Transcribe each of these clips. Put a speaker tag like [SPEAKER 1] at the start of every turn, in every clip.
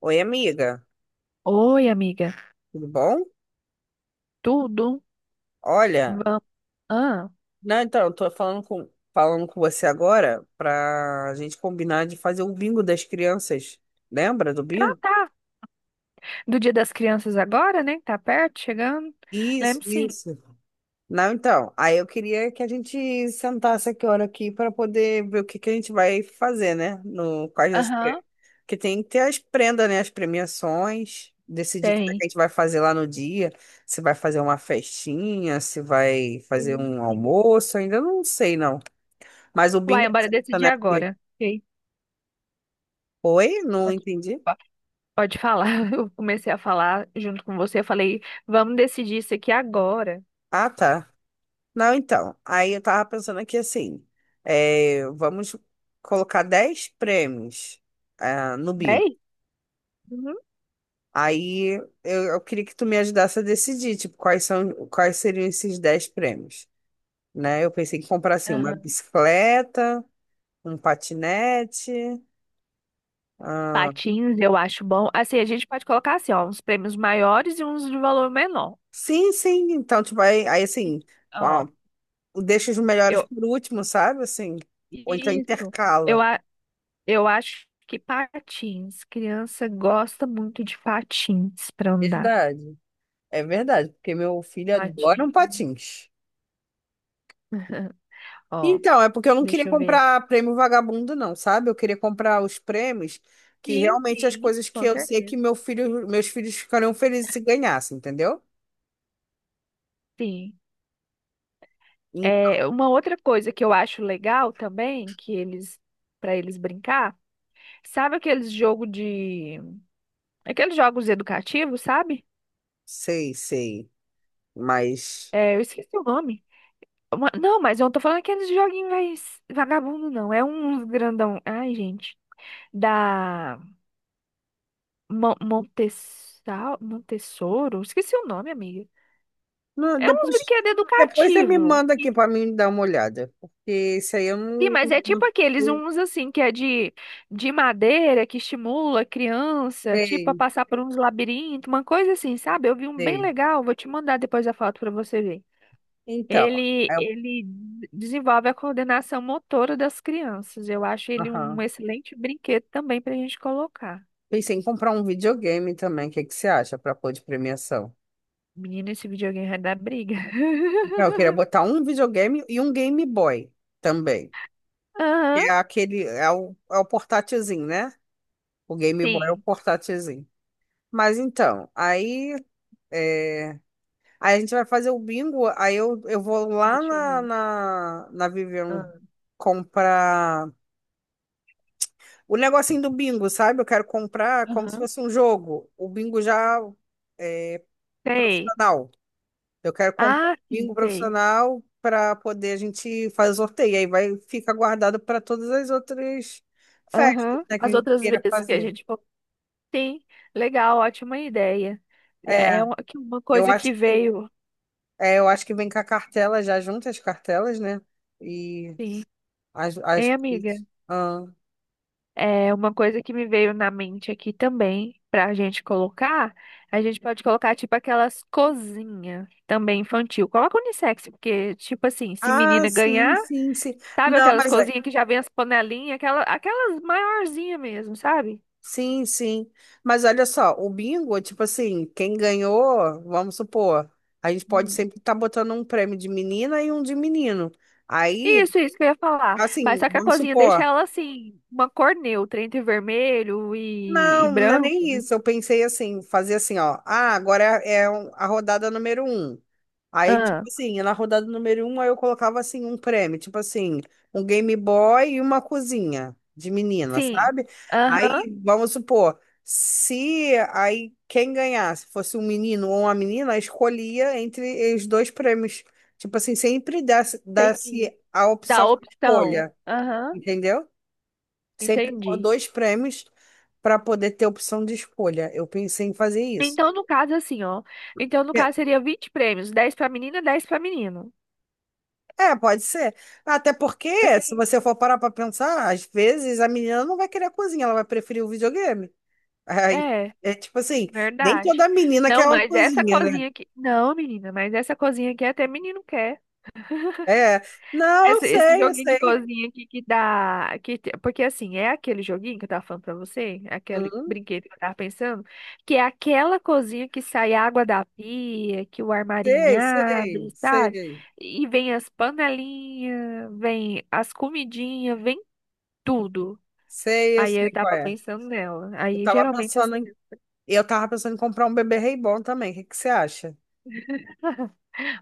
[SPEAKER 1] Oi, amiga,
[SPEAKER 2] Oi, amiga.
[SPEAKER 1] tudo bom?
[SPEAKER 2] Tudo?
[SPEAKER 1] Olha,
[SPEAKER 2] Vamos. Ah,
[SPEAKER 1] não, então, eu tô falando com você agora pra gente combinar de fazer o bingo das crianças. Lembra do
[SPEAKER 2] ah,
[SPEAKER 1] bingo?
[SPEAKER 2] tá. Do Dia das Crianças agora, né? Tá perto, chegando.
[SPEAKER 1] Isso,
[SPEAKER 2] Lembro sim.
[SPEAKER 1] isso. Não, então, aí eu queria que a gente sentasse aqui hora aqui para poder ver o que que a gente vai fazer, né? No quais das
[SPEAKER 2] Aham,
[SPEAKER 1] pre-, que tem que ter as prendas, né? As premiações, decidir como é
[SPEAKER 2] tem.
[SPEAKER 1] que a gente vai fazer lá no dia, se vai fazer uma festinha, se vai fazer
[SPEAKER 2] Tem,
[SPEAKER 1] um
[SPEAKER 2] sim.
[SPEAKER 1] almoço, ainda não sei, não. Mas o bingo,
[SPEAKER 2] Uai, bora decidir
[SPEAKER 1] né, porque...
[SPEAKER 2] agora. Ok.
[SPEAKER 1] Oi, não
[SPEAKER 2] Pode,
[SPEAKER 1] entendi.
[SPEAKER 2] po- pode falar. Eu comecei a falar junto com você. Eu falei, vamos decidir isso aqui agora.
[SPEAKER 1] Ah, tá. Não, então, aí eu tava pensando aqui assim, vamos colocar 10 prêmios, no bingo.
[SPEAKER 2] Bem? Uhum.
[SPEAKER 1] Aí eu queria que tu me ajudasse a decidir tipo quais seriam esses 10 prêmios, né? Eu pensei em comprar assim uma
[SPEAKER 2] Aham.
[SPEAKER 1] bicicleta, um patinete. ah
[SPEAKER 2] Patins, eu acho bom. Assim, a gente pode colocar assim, ó, uns prêmios maiores e uns de valor menor.
[SPEAKER 1] sim, sim, então tu vai, aí
[SPEAKER 2] E-
[SPEAKER 1] sim,
[SPEAKER 2] Ó,
[SPEAKER 1] deixa os melhores
[SPEAKER 2] eu.
[SPEAKER 1] para o último, sabe, assim, ou então
[SPEAKER 2] Isso. Eu,
[SPEAKER 1] intercala.
[SPEAKER 2] a- Eu acho que patins. Criança gosta muito de patins para andar.
[SPEAKER 1] Verdade. É verdade, porque meu filho adora um
[SPEAKER 2] Patins.
[SPEAKER 1] patins.
[SPEAKER 2] Ó,
[SPEAKER 1] Então, é porque eu não queria
[SPEAKER 2] deixa eu ver.
[SPEAKER 1] comprar prêmio vagabundo, não, sabe? Eu queria comprar os prêmios que
[SPEAKER 2] Sim,
[SPEAKER 1] realmente as
[SPEAKER 2] sim,
[SPEAKER 1] coisas que
[SPEAKER 2] com
[SPEAKER 1] eu sei que
[SPEAKER 2] certeza.
[SPEAKER 1] meu filho, meus filhos ficariam felizes se ganhassem, entendeu?
[SPEAKER 2] Sim.
[SPEAKER 1] Em-
[SPEAKER 2] É, uma outra coisa que eu acho legal também, que eles para eles brincar, sabe aqueles jogos educativos, sabe?
[SPEAKER 1] Sei, sei. Mas
[SPEAKER 2] É, eu esqueci o nome. Não, mas eu não tô falando aqueles joguinhos mais vagabundo, não. É um grandão. Ai, gente. Da Montessa... Montessoro? Esqueci o nome, amiga.
[SPEAKER 1] não,
[SPEAKER 2] É uns
[SPEAKER 1] depois,
[SPEAKER 2] brinquedos
[SPEAKER 1] você me
[SPEAKER 2] educativos.
[SPEAKER 1] manda aqui para mim dar uma olhada, porque isso aí eu
[SPEAKER 2] Sim,
[SPEAKER 1] não,
[SPEAKER 2] mas é tipo
[SPEAKER 1] não
[SPEAKER 2] aqueles
[SPEAKER 1] sei.
[SPEAKER 2] uns assim que é de madeira que estimula a criança, tipo, a
[SPEAKER 1] Sei,
[SPEAKER 2] passar por uns labirintos, uma coisa assim, sabe? Eu vi um bem
[SPEAKER 1] sei.
[SPEAKER 2] legal, vou te mandar depois a foto para você ver.
[SPEAKER 1] Então, é,
[SPEAKER 2] Desenvolve a coordenação motora das crianças. Eu acho ele um excelente brinquedo também pra gente colocar.
[SPEAKER 1] pensei em comprar um videogame também. O que que você acha para pôr de premiação?
[SPEAKER 2] Menino, esse videogame vai dar briga.
[SPEAKER 1] Eu queria botar um videogame e um Game Boy também. Que
[SPEAKER 2] Aham,
[SPEAKER 1] é aquele, é o portátilzinho, né? O Game Boy é o
[SPEAKER 2] sim.
[SPEAKER 1] portátilzinho. Mas então, aí, é, aí a gente vai fazer o bingo. Aí eu vou lá
[SPEAKER 2] Deixa eu
[SPEAKER 1] na,
[SPEAKER 2] ver.
[SPEAKER 1] na, na Vivian
[SPEAKER 2] Ah,
[SPEAKER 1] comprar o negocinho do bingo, sabe? Eu quero comprar como se
[SPEAKER 2] aham.
[SPEAKER 1] fosse um jogo, o bingo já
[SPEAKER 2] Sei.
[SPEAKER 1] profissional. Eu quero comprar um
[SPEAKER 2] Ah, sim,
[SPEAKER 1] bingo
[SPEAKER 2] sei.
[SPEAKER 1] profissional para poder a gente fazer sorteio. Aí vai fica guardado para todas as outras festas,
[SPEAKER 2] Aham.
[SPEAKER 1] né, que a
[SPEAKER 2] As
[SPEAKER 1] gente
[SPEAKER 2] outras
[SPEAKER 1] queira
[SPEAKER 2] vezes que a
[SPEAKER 1] fazer.
[SPEAKER 2] gente falou, sim, legal, ótima ideia. É
[SPEAKER 1] É,
[SPEAKER 2] é uma
[SPEAKER 1] eu
[SPEAKER 2] coisa que
[SPEAKER 1] acho que
[SPEAKER 2] veio,
[SPEAKER 1] vem com a cartela já junto as cartelas, né? E
[SPEAKER 2] sim. Hein, amiga?
[SPEAKER 1] coisas.
[SPEAKER 2] É uma coisa que me veio na mente aqui também, pra gente colocar. A gente pode colocar, tipo, aquelas cozinhas também infantil. Coloca unissex, porque, tipo assim, se
[SPEAKER 1] Ah,
[SPEAKER 2] menina
[SPEAKER 1] sim,
[SPEAKER 2] ganhar,
[SPEAKER 1] sim, sim.
[SPEAKER 2] sabe
[SPEAKER 1] Não,
[SPEAKER 2] aquelas
[SPEAKER 1] mas
[SPEAKER 2] cozinhas que já vem as panelinhas, aquelas maiorzinhas mesmo, sabe?
[SPEAKER 1] sim, sim. Mas olha só, o bingo, tipo assim, quem ganhou, vamos supor, a gente pode sempre estar botando um prêmio de menina e um de menino. Aí,
[SPEAKER 2] Isso que eu ia falar. Mas
[SPEAKER 1] assim,
[SPEAKER 2] só que a
[SPEAKER 1] vamos
[SPEAKER 2] cozinha deixa
[SPEAKER 1] supor.
[SPEAKER 2] ela assim, uma cor neutra entre vermelho e
[SPEAKER 1] Não, não é
[SPEAKER 2] branco,
[SPEAKER 1] nem
[SPEAKER 2] né?
[SPEAKER 1] isso. Eu pensei assim, fazer assim, ó. Ah, agora a rodada número um. Aí, tipo
[SPEAKER 2] Ah,
[SPEAKER 1] assim, na rodada número um, aí eu colocava assim um prêmio, tipo assim, um Game Boy e uma cozinha de menina,
[SPEAKER 2] sim.
[SPEAKER 1] sabe?
[SPEAKER 2] Aham,
[SPEAKER 1] Aí, vamos supor, se aí quem ganhasse fosse um menino ou uma menina, escolhia entre os dois prêmios. Tipo assim, sempre desse
[SPEAKER 2] entendi.
[SPEAKER 1] a opção
[SPEAKER 2] Dá
[SPEAKER 1] de
[SPEAKER 2] opção.
[SPEAKER 1] escolha,
[SPEAKER 2] Aham,
[SPEAKER 1] entendeu? Sempre pôr
[SPEAKER 2] entendi.
[SPEAKER 1] dois prêmios para poder ter opção de escolha. Eu pensei em fazer isso.
[SPEAKER 2] Então, no caso, assim, ó. Então, no
[SPEAKER 1] É,
[SPEAKER 2] caso, seria 20 prêmios, 10 pra menina, 10 pra menino.
[SPEAKER 1] é, pode ser. Até porque,
[SPEAKER 2] Porque
[SPEAKER 1] se você for parar para pensar, às vezes a menina não vai querer a cozinha, ela vai preferir o videogame. Aí,
[SPEAKER 2] é,
[SPEAKER 1] é tipo assim, nem
[SPEAKER 2] verdade.
[SPEAKER 1] toda menina
[SPEAKER 2] Não,
[SPEAKER 1] quer uma
[SPEAKER 2] mas essa
[SPEAKER 1] cozinha, né?
[SPEAKER 2] cozinha aqui. Não, menina, mas essa cozinha aqui até menino quer.
[SPEAKER 1] É, não, eu
[SPEAKER 2] Esse
[SPEAKER 1] sei, eu
[SPEAKER 2] joguinho de
[SPEAKER 1] sei.
[SPEAKER 2] cozinha aqui que dá. Que, porque assim, é aquele joguinho que eu tava falando pra você, é aquele
[SPEAKER 1] Uhum,
[SPEAKER 2] brinquedo que eu tava pensando, que é aquela cozinha que sai água da pia, que o armarinho
[SPEAKER 1] sei, sei,
[SPEAKER 2] abre, sabe?
[SPEAKER 1] sei.
[SPEAKER 2] E vem as panelinhas, vem as comidinhas, vem tudo.
[SPEAKER 1] Sei, eu
[SPEAKER 2] Aí
[SPEAKER 1] sei
[SPEAKER 2] eu
[SPEAKER 1] qual
[SPEAKER 2] tava
[SPEAKER 1] é.
[SPEAKER 2] pensando nela.
[SPEAKER 1] Eu
[SPEAKER 2] Aí
[SPEAKER 1] tava
[SPEAKER 2] geralmente assim,
[SPEAKER 1] pensando em, eu tava pensando em comprar um bebê reborn também. O que que você acha?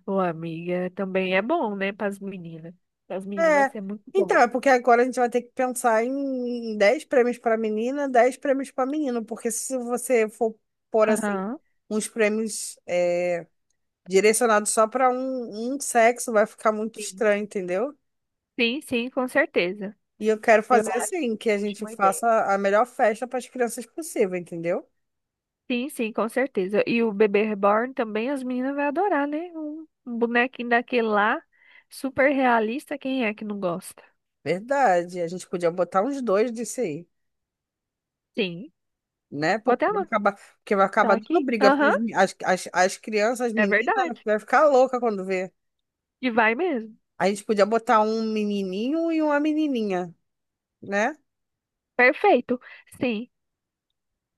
[SPEAKER 2] ô amiga, também é bom, né, pras meninas. Pras meninas vai
[SPEAKER 1] É,
[SPEAKER 2] ser muito bom.
[SPEAKER 1] então, é porque agora a gente vai ter que pensar em 10 prêmios para menina, 10 prêmios para menino, porque se você for pôr assim,
[SPEAKER 2] Aham.
[SPEAKER 1] uns prêmios direcionados só para um sexo, vai ficar muito
[SPEAKER 2] Sim,
[SPEAKER 1] estranho, entendeu?
[SPEAKER 2] sim, sim, com certeza.
[SPEAKER 1] E eu quero
[SPEAKER 2] Eu
[SPEAKER 1] fazer
[SPEAKER 2] acho
[SPEAKER 1] assim, que a
[SPEAKER 2] a
[SPEAKER 1] gente
[SPEAKER 2] última
[SPEAKER 1] faça
[SPEAKER 2] ideia.
[SPEAKER 1] a melhor festa para as crianças possível, entendeu?
[SPEAKER 2] Sim, sim, com certeza. E o bebê reborn também as meninas vão adorar, né? Um bonequinho daquele lá, super realista, quem é que não gosta?
[SPEAKER 1] Verdade, a gente podia botar uns dois disso aí,
[SPEAKER 2] Sim.
[SPEAKER 1] né?
[SPEAKER 2] Vou
[SPEAKER 1] Porque
[SPEAKER 2] até
[SPEAKER 1] vai
[SPEAKER 2] anotar
[SPEAKER 1] acabar, dando
[SPEAKER 2] aqui.
[SPEAKER 1] briga, porque
[SPEAKER 2] Aham,
[SPEAKER 1] as crianças, as
[SPEAKER 2] é
[SPEAKER 1] meninas,
[SPEAKER 2] verdade.
[SPEAKER 1] vai ficar louca quando vê.
[SPEAKER 2] E vai mesmo.
[SPEAKER 1] A gente podia botar um menininho e uma menininha, né?
[SPEAKER 2] Perfeito. Sim,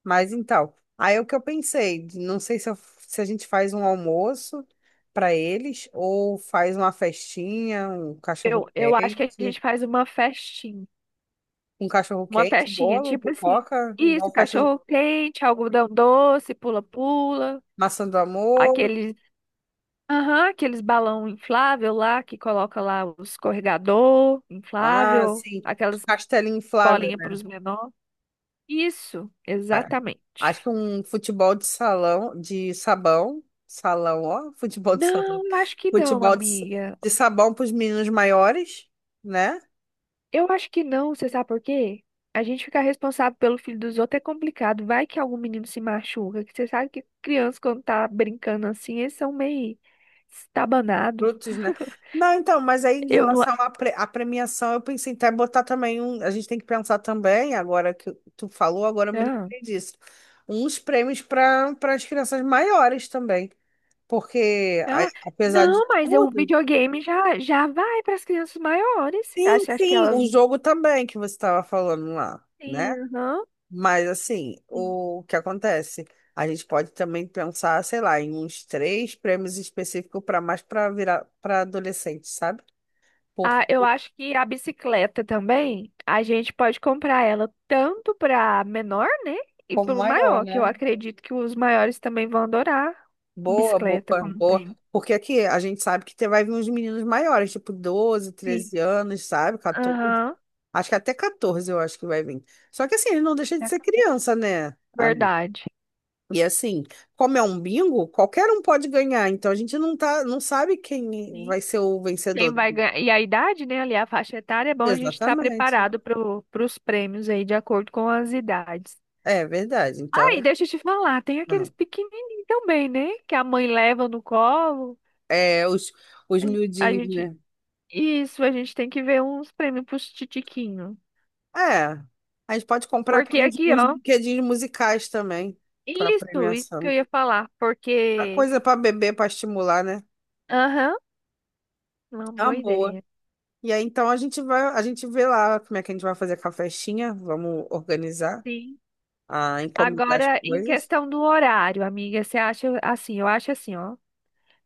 [SPEAKER 1] Mas então, aí é o que eu pensei, não sei se, se a gente faz um almoço para eles ou faz uma festinha, um
[SPEAKER 2] eu acho que a
[SPEAKER 1] cachorro-quente,
[SPEAKER 2] gente faz uma festinha. Uma festinha,
[SPEAKER 1] bolo,
[SPEAKER 2] tipo assim.
[SPEAKER 1] pipoca,
[SPEAKER 2] Isso,
[SPEAKER 1] igual festa,
[SPEAKER 2] cachorro quente, algodão doce, pula-pula,
[SPEAKER 1] maçã do amor,
[SPEAKER 2] aqueles aham, aqueles balão inflável lá que coloca lá o escorregador inflável,
[SPEAKER 1] sim,
[SPEAKER 2] aquelas
[SPEAKER 1] castelinho inflável,
[SPEAKER 2] bolinhas para
[SPEAKER 1] né,
[SPEAKER 2] os menores. Isso,
[SPEAKER 1] cara?
[SPEAKER 2] exatamente.
[SPEAKER 1] Acho que um futebol de salão, de sabão, salão, ó, futebol de salão,
[SPEAKER 2] Não, eu acho que não,
[SPEAKER 1] futebol
[SPEAKER 2] amiga.
[SPEAKER 1] de sabão para os meninos maiores, né?
[SPEAKER 2] Eu acho que não, você sabe por quê? A gente ficar responsável pelo filho dos outros é complicado. Vai que algum menino se machuca, que você sabe que criança quando tá brincando assim, eles são meio estabanados.
[SPEAKER 1] Frutos, né? Não, então, mas aí em
[SPEAKER 2] Eu não.
[SPEAKER 1] relação à à premiação, eu pensei até botar também um. A gente tem que pensar também, agora que tu falou, agora eu me
[SPEAKER 2] Ah.
[SPEAKER 1] lembrei disso. Uns prêmios para as crianças maiores também. Porque,
[SPEAKER 2] Ah,
[SPEAKER 1] apesar de
[SPEAKER 2] não, mas o
[SPEAKER 1] tudo,
[SPEAKER 2] videogame já, já vai para as crianças maiores.
[SPEAKER 1] sim,
[SPEAKER 2] Acho que
[SPEAKER 1] sim,
[SPEAKER 2] elas.
[SPEAKER 1] o jogo também que você estava falando lá,
[SPEAKER 2] Sim,
[SPEAKER 1] né?
[SPEAKER 2] aham.
[SPEAKER 1] Mas assim,
[SPEAKER 2] Sim.
[SPEAKER 1] o que acontece? A gente pode também pensar, sei lá, em uns três prêmios específicos para mais para virar para adolescente, sabe? Por-
[SPEAKER 2] Ah, eu acho que a bicicleta também, a gente pode comprar ela tanto para menor, né? E
[SPEAKER 1] Como
[SPEAKER 2] para o
[SPEAKER 1] maior,
[SPEAKER 2] maior, que eu
[SPEAKER 1] né?
[SPEAKER 2] acredito que os maiores também vão adorar
[SPEAKER 1] Boa, boa,
[SPEAKER 2] bicicleta como
[SPEAKER 1] boa.
[SPEAKER 2] prêmio.
[SPEAKER 1] Porque aqui a gente sabe que vai vir uns meninos maiores, tipo doze,
[SPEAKER 2] Sim.
[SPEAKER 1] treze anos, sabe? 14.
[SPEAKER 2] Aham.
[SPEAKER 1] Acho que até 14 eu acho que vai vir. Só que assim, ele não deixa de ser criança, né, amigo?
[SPEAKER 2] Verdade.
[SPEAKER 1] E assim, como é um bingo, qualquer um pode ganhar. Então a gente não sabe quem vai
[SPEAKER 2] Sim.
[SPEAKER 1] ser o
[SPEAKER 2] Quem
[SPEAKER 1] vencedor.
[SPEAKER 2] vai ganhar. E a idade, né? Ali a faixa etária, é bom a gente estar
[SPEAKER 1] Exatamente.
[SPEAKER 2] preparado para os prêmios aí, de acordo com as idades.
[SPEAKER 1] É verdade. Então,
[SPEAKER 2] Ai, deixa eu te falar, tem aqueles
[SPEAKER 1] não.
[SPEAKER 2] pequenininhos também, né? Que a mãe leva no colo.
[SPEAKER 1] É, os
[SPEAKER 2] A gen- a
[SPEAKER 1] miudinhos,
[SPEAKER 2] gente.
[SPEAKER 1] né?
[SPEAKER 2] Isso, a gente tem que ver uns prêmios pros titiquinhos.
[SPEAKER 1] É. A gente pode comprar aqui
[SPEAKER 2] Porque aqui,
[SPEAKER 1] uns
[SPEAKER 2] ó.
[SPEAKER 1] brinquedinhos musicais também para
[SPEAKER 2] Isso que eu
[SPEAKER 1] premiação.
[SPEAKER 2] ia falar.
[SPEAKER 1] A
[SPEAKER 2] Porque.
[SPEAKER 1] coisa para beber, para estimular, né?
[SPEAKER 2] Aham, uma
[SPEAKER 1] É uma
[SPEAKER 2] boa
[SPEAKER 1] boa.
[SPEAKER 2] ideia.
[SPEAKER 1] E aí, então, a gente vê lá como é que a gente vai fazer com a festinha. Vamos organizar
[SPEAKER 2] Sim.
[SPEAKER 1] a encomendar as
[SPEAKER 2] Agora, em
[SPEAKER 1] coisas.
[SPEAKER 2] questão do horário, amiga, você acha assim? Eu acho assim, ó.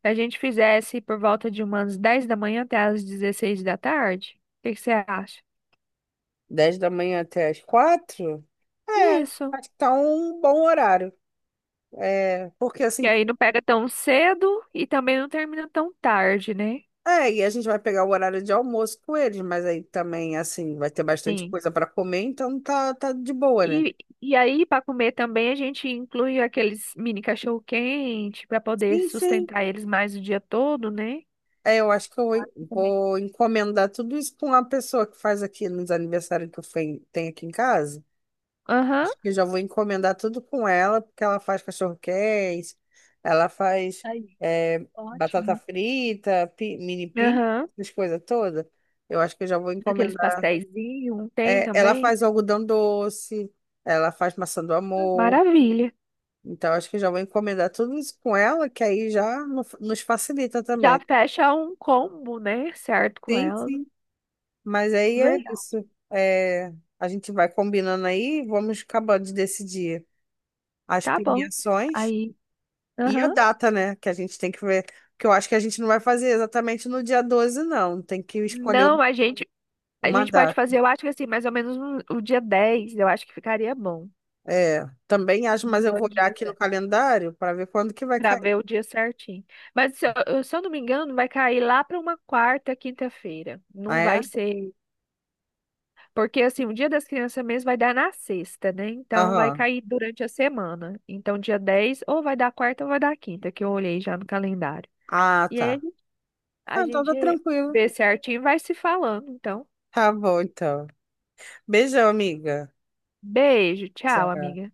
[SPEAKER 2] Se a gente fizesse por volta de umas 10 da manhã até as 16 da tarde, o que que você acha?
[SPEAKER 1] 10 da manhã até as 4. É,
[SPEAKER 2] Isso.
[SPEAKER 1] Acho que tá um bom horário. É, porque
[SPEAKER 2] Que
[SPEAKER 1] assim,
[SPEAKER 2] aí não pega tão cedo e também não termina tão tarde, né?
[SPEAKER 1] e a gente vai pegar o horário de almoço com eles, mas aí também, assim, vai ter bastante
[SPEAKER 2] Sim.
[SPEAKER 1] coisa para comer, então tá, tá de boa, né?
[SPEAKER 2] E, e aí, para comer também, a gente inclui aqueles mini cachorro-quente para poder
[SPEAKER 1] Sim, sim.
[SPEAKER 2] sustentar eles mais o dia todo, né?
[SPEAKER 1] Eu acho que eu vou
[SPEAKER 2] Claro que também.
[SPEAKER 1] vou encomendar tudo isso com uma pessoa que faz aqui nos aniversários que eu tenho aqui em casa.
[SPEAKER 2] Aham,
[SPEAKER 1] Acho que eu já vou encomendar tudo com ela, porque ela faz cachorro-quente, ela faz
[SPEAKER 2] aí,
[SPEAKER 1] batata
[SPEAKER 2] ótimo.
[SPEAKER 1] frita, mini pizza,
[SPEAKER 2] Aham.
[SPEAKER 1] essas coisas todas. Eu acho que eu já vou
[SPEAKER 2] Aqueles
[SPEAKER 1] encomendar.
[SPEAKER 2] pastéisinhos, tem
[SPEAKER 1] É, ela
[SPEAKER 2] também.
[SPEAKER 1] faz algodão doce, ela faz maçã do amor.
[SPEAKER 2] Maravilha.
[SPEAKER 1] Então, acho que eu já vou encomendar tudo isso com ela, que aí já nos facilita
[SPEAKER 2] Já
[SPEAKER 1] também.
[SPEAKER 2] fecha um combo, né? Certo com
[SPEAKER 1] Sim,
[SPEAKER 2] ela.
[SPEAKER 1] sim. Mas aí é
[SPEAKER 2] Verdade.
[SPEAKER 1] isso. É, a gente vai combinando aí, vamos acabando de decidir as
[SPEAKER 2] Tá bom.
[SPEAKER 1] premiações
[SPEAKER 2] Aí,
[SPEAKER 1] e a
[SPEAKER 2] aham.
[SPEAKER 1] data, né? Que a gente tem que ver. Que eu acho que a gente não vai fazer exatamente no dia 12 não. Tem que escolher
[SPEAKER 2] Não, a gente A
[SPEAKER 1] uma
[SPEAKER 2] gente pode
[SPEAKER 1] data.
[SPEAKER 2] fazer, eu acho que assim, mais ou menos um- o dia 10, eu acho que ficaria bom.
[SPEAKER 1] É, também acho,
[SPEAKER 2] Uns
[SPEAKER 1] mas eu vou
[SPEAKER 2] Dois
[SPEAKER 1] olhar
[SPEAKER 2] dias,
[SPEAKER 1] aqui no
[SPEAKER 2] né?
[SPEAKER 1] calendário para ver quando que vai
[SPEAKER 2] Pra
[SPEAKER 1] cair.
[SPEAKER 2] ver o dia certinho. Mas se eu não me engano, vai cair lá pra uma quarta, quinta-feira.
[SPEAKER 1] Ah,
[SPEAKER 2] Não
[SPEAKER 1] é?
[SPEAKER 2] vai ser. Porque assim, o dia das crianças mesmo vai dar na sexta, né? Então vai
[SPEAKER 1] Aham.
[SPEAKER 2] cair durante a semana. Então dia 10 ou vai dar quarta ou vai dar quinta, que eu olhei já no calendário.
[SPEAKER 1] Ah,
[SPEAKER 2] E aí
[SPEAKER 1] tá. Ah,
[SPEAKER 2] a
[SPEAKER 1] então tá
[SPEAKER 2] gente
[SPEAKER 1] tranquilo.
[SPEAKER 2] vê certinho e vai se falando. Então,
[SPEAKER 1] Tá bom, então. Beijão, amiga.
[SPEAKER 2] beijo, tchau,
[SPEAKER 1] Tchau.
[SPEAKER 2] amiga.